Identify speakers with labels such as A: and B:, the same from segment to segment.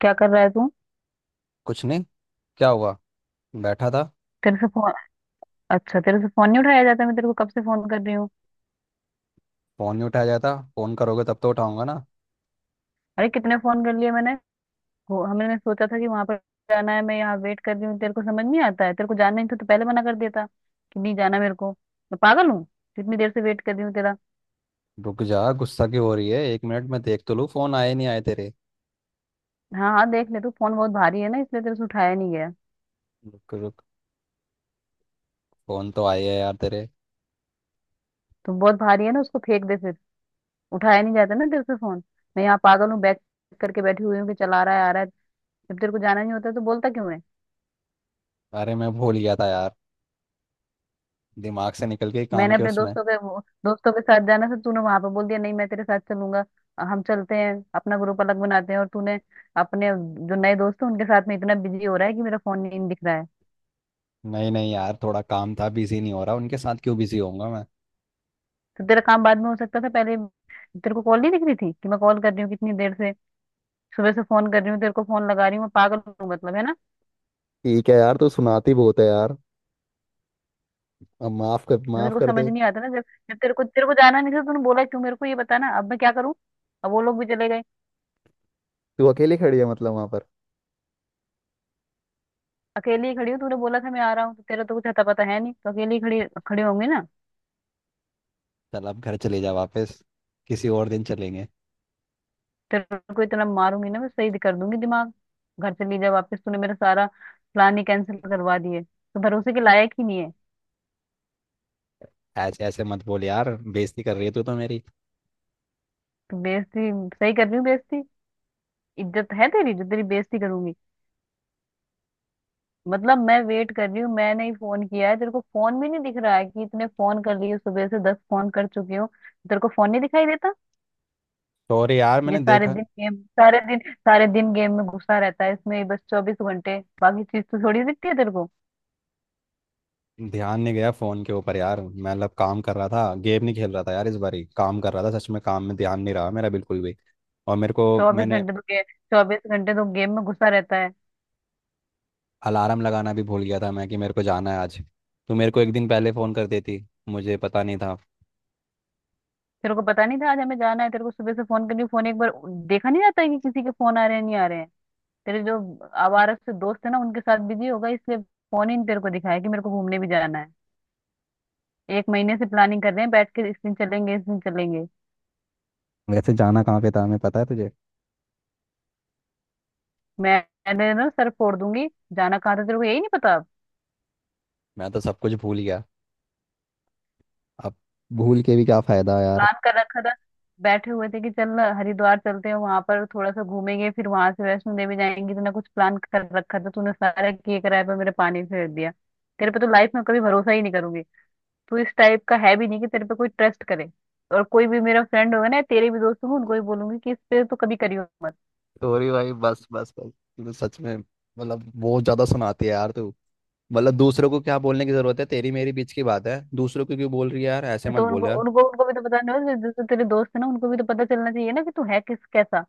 A: क्या कर रहा है तू?
B: कुछ नहीं। क्या हुआ। बैठा था।
A: तेरे से फोन अच्छा, तेरे से फोन नहीं उठाया जाता? मैं तेरे को कब से फोन कर रही हूँ।
B: फोन नहीं उठाया जाता, फोन करोगे तब तो उठाऊंगा ना।
A: अरे कितने फोन कर लिए मैंने। वो हमने सोचा था कि वहां पर जाना है, मैं यहाँ वेट कर रही हूँ, तेरे को समझ नहीं आता है? तेरे को जाना नहीं था तो पहले मना कर देता कि नहीं जाना मेरे को। मैं पागल हूँ? इतनी देर से वेट कर रही हूँ तेरा।
B: रुक जा, गुस्सा क्यों हो रही है। एक मिनट मैं देख तो लूँ फोन आए नहीं आए तेरे।
A: हाँ हाँ देख ले तू, फोन बहुत भारी है ना इसलिए तेरे से उठाया नहीं गया।
B: रुक रुक। फोन तो आए है यार तेरे।
A: तो बहुत भारी है ना, उसको फेंक दे फिर। उठाया नहीं जाता ना तेरे से फोन। मैं यहाँ पागल हूँ बैग करके बैठी हुई हूँ कि चला रहा है, आ रहा है। जब तेरे को जाना नहीं होता तो बोलता क्यों है?
B: अरे मैं भूल गया था यार, दिमाग से निकल के काम
A: मैंने
B: के
A: अपने
B: उसमें।
A: दोस्तों के दोस्तों के साथ जाना था, तूने वहां पे बोल दिया नहीं मैं तेरे साथ चलूंगा। हम चलते हैं अपना ग्रुप अलग बनाते हैं, और तूने अपने जो नए दोस्त हैं उनके साथ में इतना बिजी हो रहा है कि मेरा फोन नहीं दिख रहा है।
B: नहीं नहीं यार, थोड़ा काम था, बिजी नहीं हो रहा उनके साथ, क्यों बिजी होऊंगा मैं।
A: तो तेरा काम बाद में हो सकता था, पहले तेरे को कॉल नहीं दिख रही थी कि मैं कॉल कर रही हूँ कितनी देर से? सुबह से फोन कर रही हूँ तेरे को, फोन लगा रही हूँ, मैं पागल हूँ मतलब, है ना?
B: ठीक है यार, तू सुनाती बहुत है यार। अब माफ कर,
A: तो तेरे
B: माफ
A: को
B: कर
A: समझ
B: दे।
A: नहीं आता ना, जब जब तेरे को जाना नहीं था तूने बोला क्यों मेरे को ये बताना? अब मैं क्या करूँ? अब वो लोग भी चले गए।
B: तू अकेली खड़ी है मतलब वहां पर?
A: अकेली ही खड़ी हूँ, तूने बोला था मैं आ रहा हूँ, तो तेरा तो कुछ अता पता है नहीं, तो अकेली ही खड़ी खड़े होंगे ना।
B: चल, अब घर चले जा वापस, किसी और दिन चलेंगे।
A: तेरे को इतना मारूंगी ना मैं, सही कर दूंगी दिमाग। घर से ले जा वापस, तूने मेरा सारा प्लान ही कैंसिल करवा दिए, तो भरोसे के लायक ही नहीं है।
B: ऐसे ऐसे मत बोल यार, बेइज्जती कर रही है तू तो मेरी।
A: तू बेइज्जती सही कर रही हूँ बेइज्जती, इज्जत है तेरी जो तेरी बेइज्जती करूंगी। मतलब मैं वेट कर रही हूँ, मैंने ही फोन किया है तेरे को, फोन भी नहीं दिख रहा है कि इतने फोन कर लिए, सुबह से 10 फोन कर चुकी हूँ तेरे को, फोन नहीं दिखाई देता?
B: सॉरी यार,
A: ये
B: मैंने
A: सारे
B: देखा।
A: दिन गेम, सारे दिन गेम में घुसा रहता है, इसमें ही बस 24 घंटे, बाकी चीज तो थोड़ी दिखती है तेरे को।
B: ध्यान नहीं गया फोन के ऊपर यार, मैं मतलब काम कर रहा था, गेम नहीं खेल रहा था यार, इस बारी काम कर रहा था, सच में काम में ध्यान नहीं रहा मेरा बिल्कुल भी। और मेरे को मैंने
A: चौबीस घंटे तो गेम में घुसा रहता है।
B: अलार्म लगाना भी भूल गया था मैं कि मेरे को जाना है आज। तू मेरे को एक दिन पहले फ़ोन कर देती, मुझे पता नहीं था।
A: तेरे को पता नहीं था आज हमें जाना है? तेरे को सुबह से फोन करनी, फोन एक बार देखा नहीं जाता है कि किसी के फोन आ रहे हैं नहीं आ रहे हैं? तेरे जो आवारा से दोस्त है ना उनके साथ बिजी होगा, इसलिए फोन ही नहीं तेरे को दिखाया कि मेरे को घूमने भी जाना है। एक महीने से प्लानिंग कर रहे हैं बैठ के, इस दिन चलेंगे इस दिन चलेंगे।
B: वैसे जाना कहाँ पे था हमें, पता है तुझे?
A: मैं मैंने ना सर फोड़ दूंगी। जाना कहाँ था तेरे को यही नहीं पता?
B: मैं तो सब कुछ भूल गया अब। भूल के भी क्या फ़ायदा यार।
A: प्लान कर रखा था, बैठे हुए थे कि चल हरिद्वार चलते हैं, वहां पर थोड़ा सा घूमेंगे, फिर वहां से वैष्णो देवी जाएंगे। तूने कुछ प्लान कर रखा था? तूने सारा किए कराए पर मेरे पानी फेर दिया। तेरे पे तो लाइफ में कभी भरोसा ही नहीं करूंगी, तू इस टाइप का है भी नहीं कि तेरे पे कोई ट्रस्ट करे। और कोई भी मेरा फ्रेंड होगा ना, तेरे भी दोस्त होंगे, उनको भी बोलूंगी कि इस पे तो कभी करियो मत।
B: सॉरी भाई, बस बस बस। तू तो सच में मतलब बहुत ज़्यादा सुनाती है यार तू। मतलब दूसरों को क्या बोलने की ज़रूरत है, तेरी मेरी बीच की बात है, दूसरों को क्यों बोल रही है यार। ऐसे मत
A: तो
B: बोल
A: उनको
B: यार।
A: उनको उनको भी तो पता नहीं होगा, जैसे तेरे दोस्त है ना उनको भी तो पता चलना चाहिए ना कि तू है किस कैसा।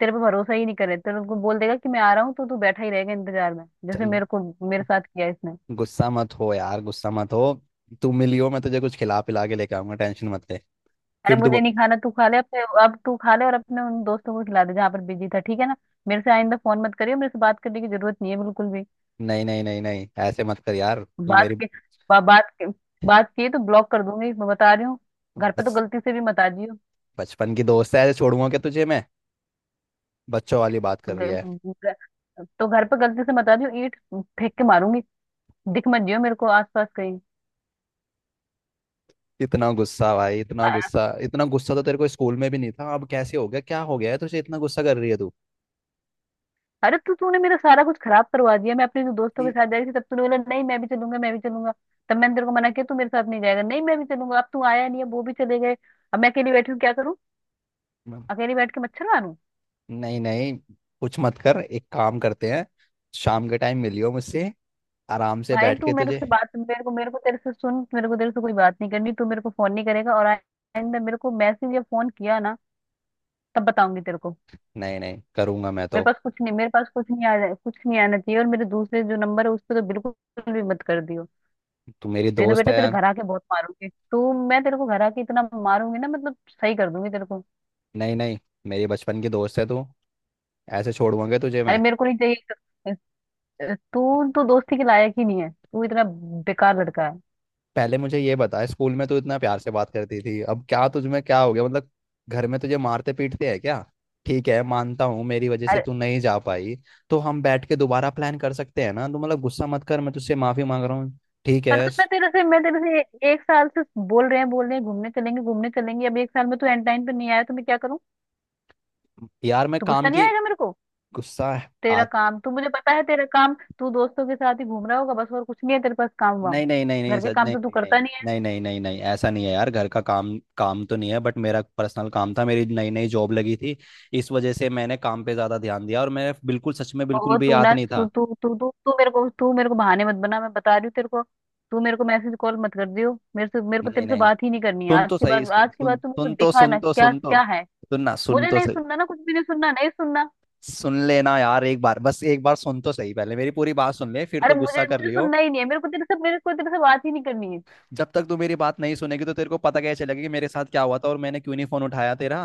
A: तेरे पे भरोसा ही नहीं करे, तेरे उनको बोल देगा कि मैं आ रहा हूँ तो तू बैठा ही रहेगा इंतजार में, जैसे
B: चल,
A: मेरे को मेरे साथ किया इसने।
B: गुस्सा मत हो यार, गुस्सा मत हो। तू मिलियो, मैं तुझे कुछ खिला पिला के लेके आऊंगा, टेंशन मत ले।
A: अरे
B: फिर तू
A: मुझे
B: बो-
A: नहीं खाना, तू खा ले अपने, अब तू खा ले और अपने उन दोस्तों को खिला दे जहाँ पर बिजी था, ठीक है ना? मेरे से आइंदा फोन मत करियो, मेरे से बात करने की जरूरत नहीं है बिल्कुल भी।
B: नहीं नहीं नहीं नहीं, ऐसे मत कर यार, तू
A: बात
B: मेरी,
A: के बा, बात के, बात की तो ब्लॉक कर दूंगी, मैं बता रही हूँ। घर पे तो
B: बस।
A: गलती से भी मत आ जियो।
B: बचपन की दोस्त है, ऐसे छोड़ूंगा क्या तुझे मैं? बच्चों वाली बात कर रही है।
A: ग- ग- तो घर पे गलती से मत आ जियो, ईंट फेंक के मारूंगी। दिख मत जियो मेरे को आसपास कहीं।
B: इतना गुस्सा भाई,
A: अ-
B: इतना गुस्सा तो तेरे को स्कूल में भी नहीं था, अब कैसे हो गया, क्या हो गया है तुझे, इतना गुस्सा कर रही है तू।
A: अरे तू तूने मेरा सारा कुछ खराब करवा दिया। मैं अपने जो दोस्तों के
B: कि-
A: साथ जा रही थी, तब तूने बोला नहीं मैं भी चलूंगा मैं भी चलूंगा, तब मैंने तेरे को मना किया तू मेरे साथ नहीं जाएगा, नहीं मैं भी चलूंगा। अब तू आया नहीं है, वो भी चले गए, अब मैं अकेली बैठी हूँ, क्या करूँ, अकेली बैठ के मच्छर मारूं?
B: नहीं नहीं, कुछ मत कर, एक काम करते हैं, शाम के टाइम मिलियो मुझसे, आराम से
A: भाई
B: बैठ
A: तू
B: के
A: मेरे
B: तुझे।
A: से बात, मेरे को तेरे से सुन, मेरे को तेरे से कोई बात नहीं करनी, तू मेरे को फोन नहीं करेगा, और आइंदा मेरे को मैसेज या फोन किया ना तब बताऊंगी तेरे को।
B: नहीं नहीं करूंगा मैं
A: मेरे
B: तो,
A: पास कुछ नहीं, मेरे पास कुछ नहीं आ, कुछ नहीं आना चाहिए, और मेरे दूसरे जो नंबर है उस पे तो बिल्कुल भी मत कर दियो।
B: तू मेरी
A: नहीं तो
B: दोस्त
A: बेटा
B: है।
A: तेरे घर आके बहुत मारूंगी तू, मैं तेरे को घर आके इतना मारूंगी ना मतलब सही कर दूंगी तेरे को।
B: नहीं नहीं, मेरी बचपन की दोस्त है तू, ऐसे छोड़ूंगा तुझे
A: अरे
B: मैं?
A: मेरे को नहीं चाहिए, तू तो दोस्ती के लायक ही नहीं है, तू इतना बेकार लड़का
B: पहले मुझे ये बता, स्कूल में तू इतना प्यार से बात करती थी, अब क्या तुझ में क्या हो गया मतलब, घर में तुझे मारते पीटते हैं क्या? ठीक है, मानता हूँ मेरी वजह से
A: है।
B: तू नहीं जा पाई, तो हम बैठ के दोबारा प्लान कर सकते हैं ना। तू मतलब गुस्सा मत कर, मैं तुझसे माफी मांग रहा हूँ। ठीक
A: अरे
B: है
A: तो मैं तेरे से एक साल से बोल रहे हैं घूमने चलेंगे घूमने चलेंगे, अब एक साल में तू एंड टाइम पे नहीं आया, तो मैं क्या करूं,
B: यार, मैं
A: तो गुस्सा
B: काम
A: नहीं
B: की,
A: आएगा मेरे को?
B: गुस्सा।
A: तेरा काम, तू, मुझे पता है तेरा काम, तू दोस्तों के साथ ही घूम रहा होगा बस, और कुछ नहीं है तेरे पास, काम वाम
B: नहीं नहीं नहीं नहीं,
A: घर के
B: सच,
A: काम
B: नहीं
A: तो तू
B: नहीं
A: करता
B: नहीं,
A: नहीं है।
B: नहीं नहीं नहीं नहीं, ऐसा नहीं है यार, घर का काम काम तो नहीं है, बट मेरा पर्सनल काम था, मेरी नई नई जॉब लगी थी, इस वजह से मैंने काम पे ज्यादा ध्यान दिया और मेरे बिल्कुल, सच में बिल्कुल
A: और
B: भी
A: तू
B: याद
A: ना
B: नहीं
A: तू
B: था।
A: तू तू तू तू मेरे को बहाने मत बना, मैं बता रही हूँ तेरे को। तू मेरे को मैसेज कॉल मत कर दियो, मेरे से, मेरे को
B: नहीं
A: तेरे से
B: नहीं,
A: बात ही नहीं करनी है
B: सुन
A: आज
B: तो
A: के
B: सही,
A: बाद,
B: सुन
A: आज के
B: सुन
A: बाद तू मेरे
B: सुन
A: को
B: तो
A: दिखा
B: सुन
A: ना
B: तो
A: क्या
B: सुन तो,
A: क्या है।
B: सुन ना, सुन
A: मुझे
B: तो
A: नहीं
B: सही।
A: सुनना ना, कुछ भी नहीं सुनना, नहीं सुनना।
B: सुन लेना यार, एक बार, बस एक बार सुन तो सही, पहले मेरी पूरी बात सुन ले, फिर
A: अरे
B: तो गुस्सा
A: मुझे
B: कर
A: मुझे
B: लियो।
A: सुनना ही नहीं है, मेरे को तेरे से, मेरे को तेरे से बात ही नहीं करनी है।
B: जब तक तू मेरी बात नहीं सुनेगी, तो तेरे को पता कैसे चलेगा कि मेरे साथ क्या हुआ था और मैंने क्यों नहीं फोन उठाया तेरा।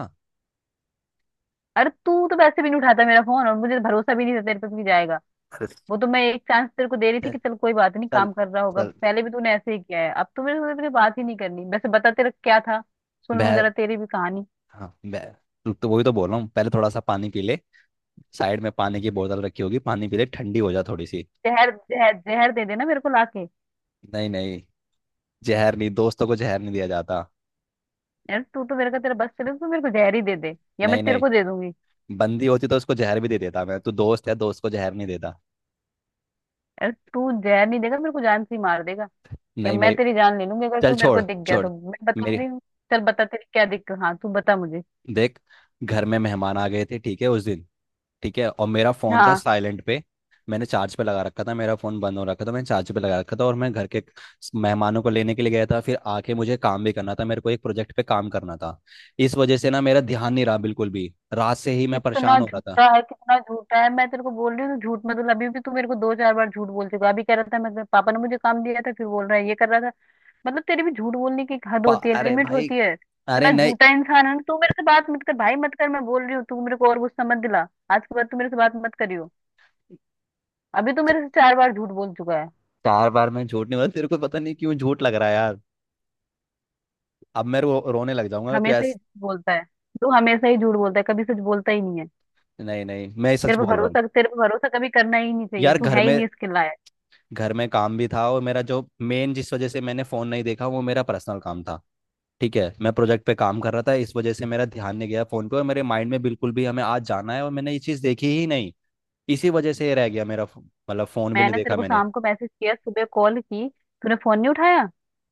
A: अरे तू तो वैसे भी नहीं उठाता मेरा फोन, और मुझे भरोसा भी नहीं था तेरे पे भी जाएगा।
B: अरे,
A: वो तो मैं एक चांस तेरे को दे रही थी
B: चल
A: कि चल कोई बात नहीं
B: चल
A: काम कर रहा होगा,
B: चल।
A: पहले भी तूने ऐसे ही किया है, अब तो मेरे से तेरे बात ही नहीं करनी, वैसे बता तेरा क्या था, सुन लूं
B: बह
A: जरा तेरी भी कहानी।
B: हाँ, मैं तो वही तो बोल रहा हूँ, पहले थोड़ा सा पानी पी ले, साइड में पानी की बोतल रखी होगी, पानी पी ले, ठंडी हो जा थोड़ी सी।
A: जहर जहर जहर दे देना मेरे को लाके।
B: नहीं नहीं, जहर नहीं, दोस्तों को जहर नहीं दिया जाता।
A: यार तू तो मेरे का, तेरा बस चले तो तू मेरे को जहर ही दे दे, या मैं
B: नहीं
A: तेरे
B: नहीं,
A: को दे दूंगी।
B: बंदी होती तो उसको जहर भी दे देता मैं, तू दोस्त है, दोस्त को जहर नहीं देता।
A: यार तू जहर नहीं देगा मेरे को, जान से ही मार देगा, या
B: नहीं
A: मैं
B: मैं,
A: तेरी जान ले लूंगी अगर
B: चल
A: तू मेरे को
B: छोड़
A: दिख गया
B: छोड़
A: तो, मैं बता
B: मेरी।
A: रही हूँ। चल बता तेरी क्या दिक्कत, हाँ तू बता मुझे,
B: देख, घर में मेहमान आ गए थे, ठीक है उस दिन, ठीक है, और मेरा फोन था
A: हाँ।
B: साइलेंट पे, मैंने चार्ज पे लगा रखा था, मेरा फोन बंद हो रखा था, मैंने चार्ज पे लगा रखा था और मैं घर के मेहमानों को लेने के लिए गया था, फिर आके मुझे काम भी करना था, मेरे को एक प्रोजेक्ट पे काम करना था, इस वजह से ना मेरा ध्यान नहीं रहा बिल्कुल भी, रात से ही मैं
A: कितना
B: परेशान हो रहा था।
A: झूठा है कितना झूठा है, मैं तेरे को बोल रही हूँ तू झूठ मत बोल, अभी भी तू मेरे को दो चार बार झूठ बोल चुका है। अभी कह रहा था मैं पापा ने मुझे काम दिया था, फिर बोल रहा है ये कर रहा था। मतलब तेरी भी झूठ बोलने की एक हद होती है,
B: अरे
A: लिमिट
B: भाई,
A: होती है,
B: अरे
A: इतना
B: नहीं,
A: झूठा इंसान है ना, तू मेरे से बात मत कर भाई, मत कर, मैं बोल रही हूँ, तू मेरे को और गुस्सा मत दिला, आज के बाद तू मेरे से बात मत करियो। अभी तू मेरे से 4 बार झूठ बोल चुका है,
B: चार बार मैं झूठ नहीं बोला, तेरे को पता नहीं क्यों झूठ लग रहा है यार। अब मैं रोने लग जाऊंगा तो
A: हमेशा ही
B: ऐसा।
A: झूठ बोलता है, तू हमेशा ही झूठ बोलता है, कभी सच बोलता ही नहीं है।
B: नहीं नहीं मैं सच बोल रहा हूँ,
A: तेरे पर भरोसा कभी करना ही नहीं चाहिए,
B: यार
A: तू
B: घर
A: है ही
B: में
A: नहीं इसके लायक।
B: घर में काम भी था, और मेरा जो मेन, जिस वजह से मैंने फोन नहीं देखा, वो मेरा पर्सनल काम था। ठीक है, मैं प्रोजेक्ट पे काम कर रहा था, इस वजह से मेरा ध्यान नहीं गया फोन पे, और मेरे माइंड में बिल्कुल भी हमें आज जाना है और मैंने ये चीज देखी ही नहीं, इसी वजह से ये रह गया मेरा, मतलब फोन भी नहीं
A: मैंने तेरे
B: देखा
A: को
B: मैंने।
A: शाम को मैसेज किया, सुबह कॉल की, तूने फोन नहीं उठाया,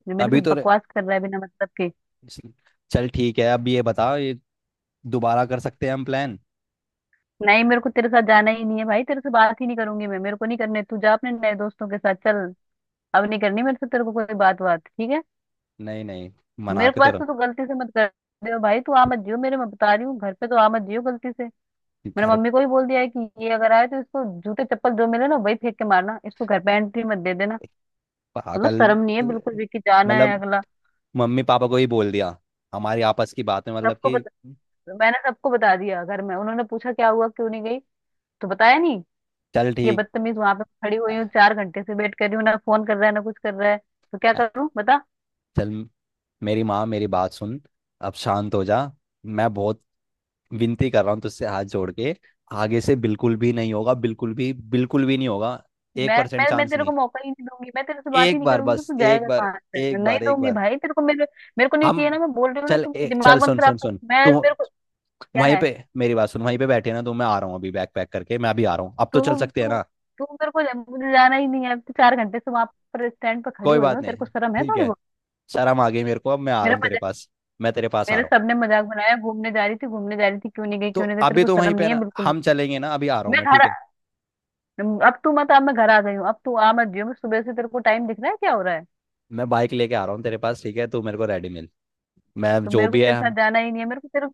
A: जो मेरे से
B: अभी तो रे-
A: बकवास कर रहा है बिना मतलब के।
B: चल ठीक है, अब ये बता, ये दोबारा कर सकते हैं हम प्लान।
A: नहीं मेरे को तेरे साथ जाना ही नहीं है भाई, तेरे से बात ही नहीं करूंगी मैं, मेरे को नहीं करने, तू जा अपने नए दोस्तों के साथ चल, अब नहीं करनी मेरे से तेरे को कोई बात बात, ठीक है?
B: नहीं नहीं, मना
A: मेरे
B: के तो
A: पास
B: रहो।
A: तो तू गलती से मत कर दे भाई, तू आ मत जियो मेरे, मैं बता रही हूँ, घर पे तो आ मत जियो गलती से। मेरे
B: घर।
A: मम्मी को भी बोल दिया है कि ये अगर आए तो इसको जूते चप्पल जो मिले ना वही फेंक के मारना, इसको घर पे एंट्री मत दे देना। मतलब
B: पागल,
A: शर्म नहीं है बिल्कुल भी कि जाना है
B: मतलब
A: अगला।
B: मम्मी पापा को ही बोल दिया, हमारी आपस की बात है मतलब
A: सबको,
B: कि।
A: मैंने सबको बता दिया घर में, उन्होंने पूछा क्या हुआ क्यों नहीं गई, तो बताया नहीं
B: चल
A: ये
B: ठीक,
A: बदतमीज, वहां पे खड़ी हुई हूँ 4 घंटे से, वेट कर रही हूँ, ना फोन कर रहा है ना कुछ कर रहा है, तो क्या करूँ बता?
B: चल मेरी माँ, मेरी बात सुन, अब शांत हो जा, मैं बहुत विनती कर रहा हूँ तुझसे, हाथ जोड़ के, आगे से बिल्कुल भी नहीं होगा, बिल्कुल भी नहीं होगा, एक
A: मैं
B: परसेंट
A: मैं मैं
B: चांस
A: तेरे
B: नहीं।
A: को मौका ही नहीं दूंगी, मैं तेरे से बात ही
B: एक
A: नहीं
B: बार,
A: करूंगी, तो
B: बस
A: तू
B: एक
A: जाएगा
B: बार,
A: कहाँ से,
B: एक
A: नहीं
B: बार, एक
A: दूंगी
B: बार,
A: भाई तेरे को मेरे। मेरे को नहीं
B: हम।
A: चाहिए ना, मैं बोल रही हूँ ना,
B: चल,
A: तू मेरा
B: ए, चल
A: दिमाग मत
B: सुन
A: खराब
B: सुन
A: कर,
B: सुन तू,
A: मैं मेरे को क्या
B: वहीं
A: है।
B: पे, मेरी बात सुन, वहीं पे बैठे ना तो मैं आ रहा हूँ, अभी बैग पैक करके मैं अभी आ रहा हूँ, अब तो
A: तू
B: चल सकते हैं
A: तू
B: ना।
A: तू मेरे को, मुझे जाना ही नहीं है तो, 4 घंटे से वहां पर स्टैंड पर खड़ी
B: कोई
A: हुई
B: बात
A: हूँ, तेरे
B: नहीं,
A: को शर्म है
B: ठीक
A: थोड़ी
B: है,
A: बहुत?
B: शर्म आ गई मेरे को, अब मैं आ रहा
A: मेरा
B: हूँ तेरे पास, मैं तेरे पास आ
A: मेरे
B: रहा हूँ।
A: सबने मजाक बनाया, घूमने जा रही थी घूमने जा रही थी, क्यों नहीं गई
B: तो
A: क्यों नहीं गई, तेरे
B: अभी
A: को
B: तो वहीं
A: शर्म
B: पे है
A: नहीं है
B: ना,
A: बिल्कुल भी?
B: हम चलेंगे ना, अभी आ रहा हूँ
A: मैं
B: मैं,
A: घर
B: ठीक है।
A: अब तू मत, अब मैं घर आ गई हूँ, अब तू आ मत जियो, मैं सुबह से तेरे को, टाइम दिख रहा है क्या हो रहा है?
B: मैं बाइक लेके आ रहा हूँ तेरे पास, ठीक है, तू मेरे को रेडी मिल, मैं
A: तो
B: जो
A: मेरे को
B: भी है,
A: तेरे
B: हम
A: साथ जाना ही नहीं है,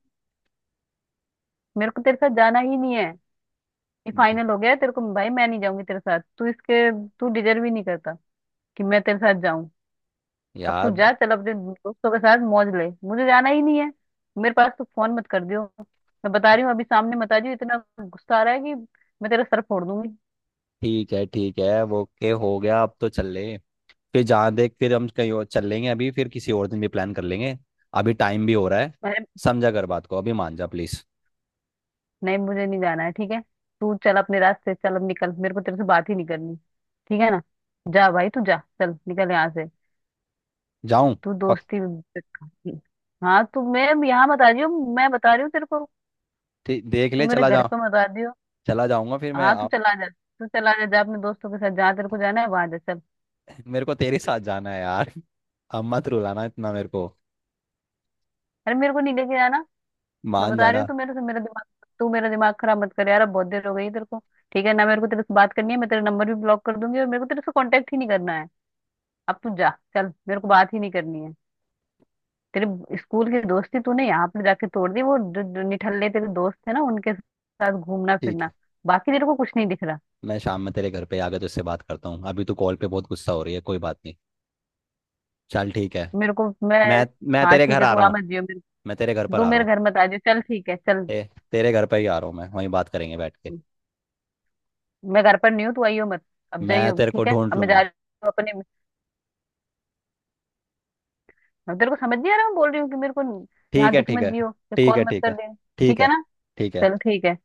A: मेरे को तेरे साथ जाना ही नहीं है, ये फाइनल हो गया है तेरे को भाई, मैं नहीं जाऊंगी तेरे साथ, तू डिजर्व ही नहीं करता कि मैं तेरे साथ जाऊं। अब तू
B: यार,
A: जा, चल अपने दोस्तों के साथ मौज ले, मुझे जाना ही नहीं है, मेरे पास तू फोन मत कर दियो, मैं बता रही हूँ, अभी सामने बता रही हूँ, इतना गुस्सा आ रहा है कि मैं तेरा सर फोड़ दूंगी।
B: ठीक है वो, ओके हो गया, अब तो चल लें, फिर जहाँ देख, फिर हम कहीं और चल लेंगे, अभी फिर किसी और दिन भी प्लान कर लेंगे, अभी टाइम भी हो रहा है, समझा कर बात को, अभी मान जा प्लीज।
A: नहीं मुझे नहीं जाना है, ठीक है? तू चल अपने रास्ते, चल अब निकल, मेरे को तेरे से बात ही नहीं करनी, ठीक है ना? जा भाई तू जा, चल निकल यहाँ से,
B: जाऊं?
A: तू
B: पक
A: दोस्ती। हाँ तू मेरे यहाँ बता रही हो, मैं बता रही हूँ तेरे को,
B: देख
A: तू
B: ले,
A: मेरे
B: चला
A: घर
B: जा,
A: पे बता रही हो।
B: चला जाऊंगा फिर मैं
A: हाँ तू
B: आप,
A: चला जा, तू चला जा, जा अपने दोस्तों के साथ जहाँ तेरे को जाना है वहां जा चल।
B: मेरे को तेरे साथ जाना है यार। अब मत रुलाना इतना मेरे को,
A: अरे मेरे को नहीं लेके जाना, मैं
B: मान
A: बता रही हूँ,
B: जाना,
A: तू मेरा दिमाग खराब मत कर यार, अब बहुत देर हो गई है तेरे को, ठीक है ना? मेरे को तेरे से बात करनी है, मैं तेरा नंबर भी ब्लॉक कर दूंगी, और मेरे को तेरे से कांटेक्ट ही नहीं करना है, अब तू जा, चल मेरे को बात ही नहीं करनी है। तेरे स्कूल की दोस्ती तूने यहाँ पे जाके तोड़ दी, वो जो निठल्ले तेरे दोस्त थे ना उनके साथ घूमना
B: ठीक
A: फिरना,
B: है,
A: बाकी तेरे को कुछ नहीं दिख रहा।
B: मैं शाम में तेरे घर पे आके तुझसे बात करता हूँ, अभी तो कॉल पे बहुत गुस्सा हो रही है, कोई बात नहीं, चल ठीक है,
A: मेरे को मैं
B: मैं मैं
A: हाँ
B: तेरे
A: ठीक
B: घर
A: है,
B: आ
A: तू
B: रहा
A: आ
B: हूँ।
A: मत जियो मेरे,
B: मैं तेरे घर पर
A: तू
B: आ रहा
A: मेरे
B: हूँ,
A: घर मत आ जियो, चल ठीक है चल।
B: ए, तेरे घर पर ही आ रहा हूँ मैं, वहीं बात करेंगे बैठ के,
A: मैं घर पर नहीं हूँ, तू आइयो मत, अब
B: मैं
A: जाइयो
B: तेरे को
A: ठीक है,
B: ढूंढ
A: अब मैं जा
B: लूंगा।
A: रही हूँ अपने, अब तेरे को समझ नहीं आ रहा मैं बोल रही हूँ कि मेरे को
B: ठीक
A: यहाँ
B: है,
A: दिख
B: ठीक
A: मत
B: है,
A: जियो, ये
B: ठीक
A: कॉल
B: है,
A: मत
B: ठीक
A: कर
B: है,
A: दे,
B: ठीक
A: ठीक है
B: है,
A: ना?
B: ठीक
A: चल
B: है।
A: ठीक है।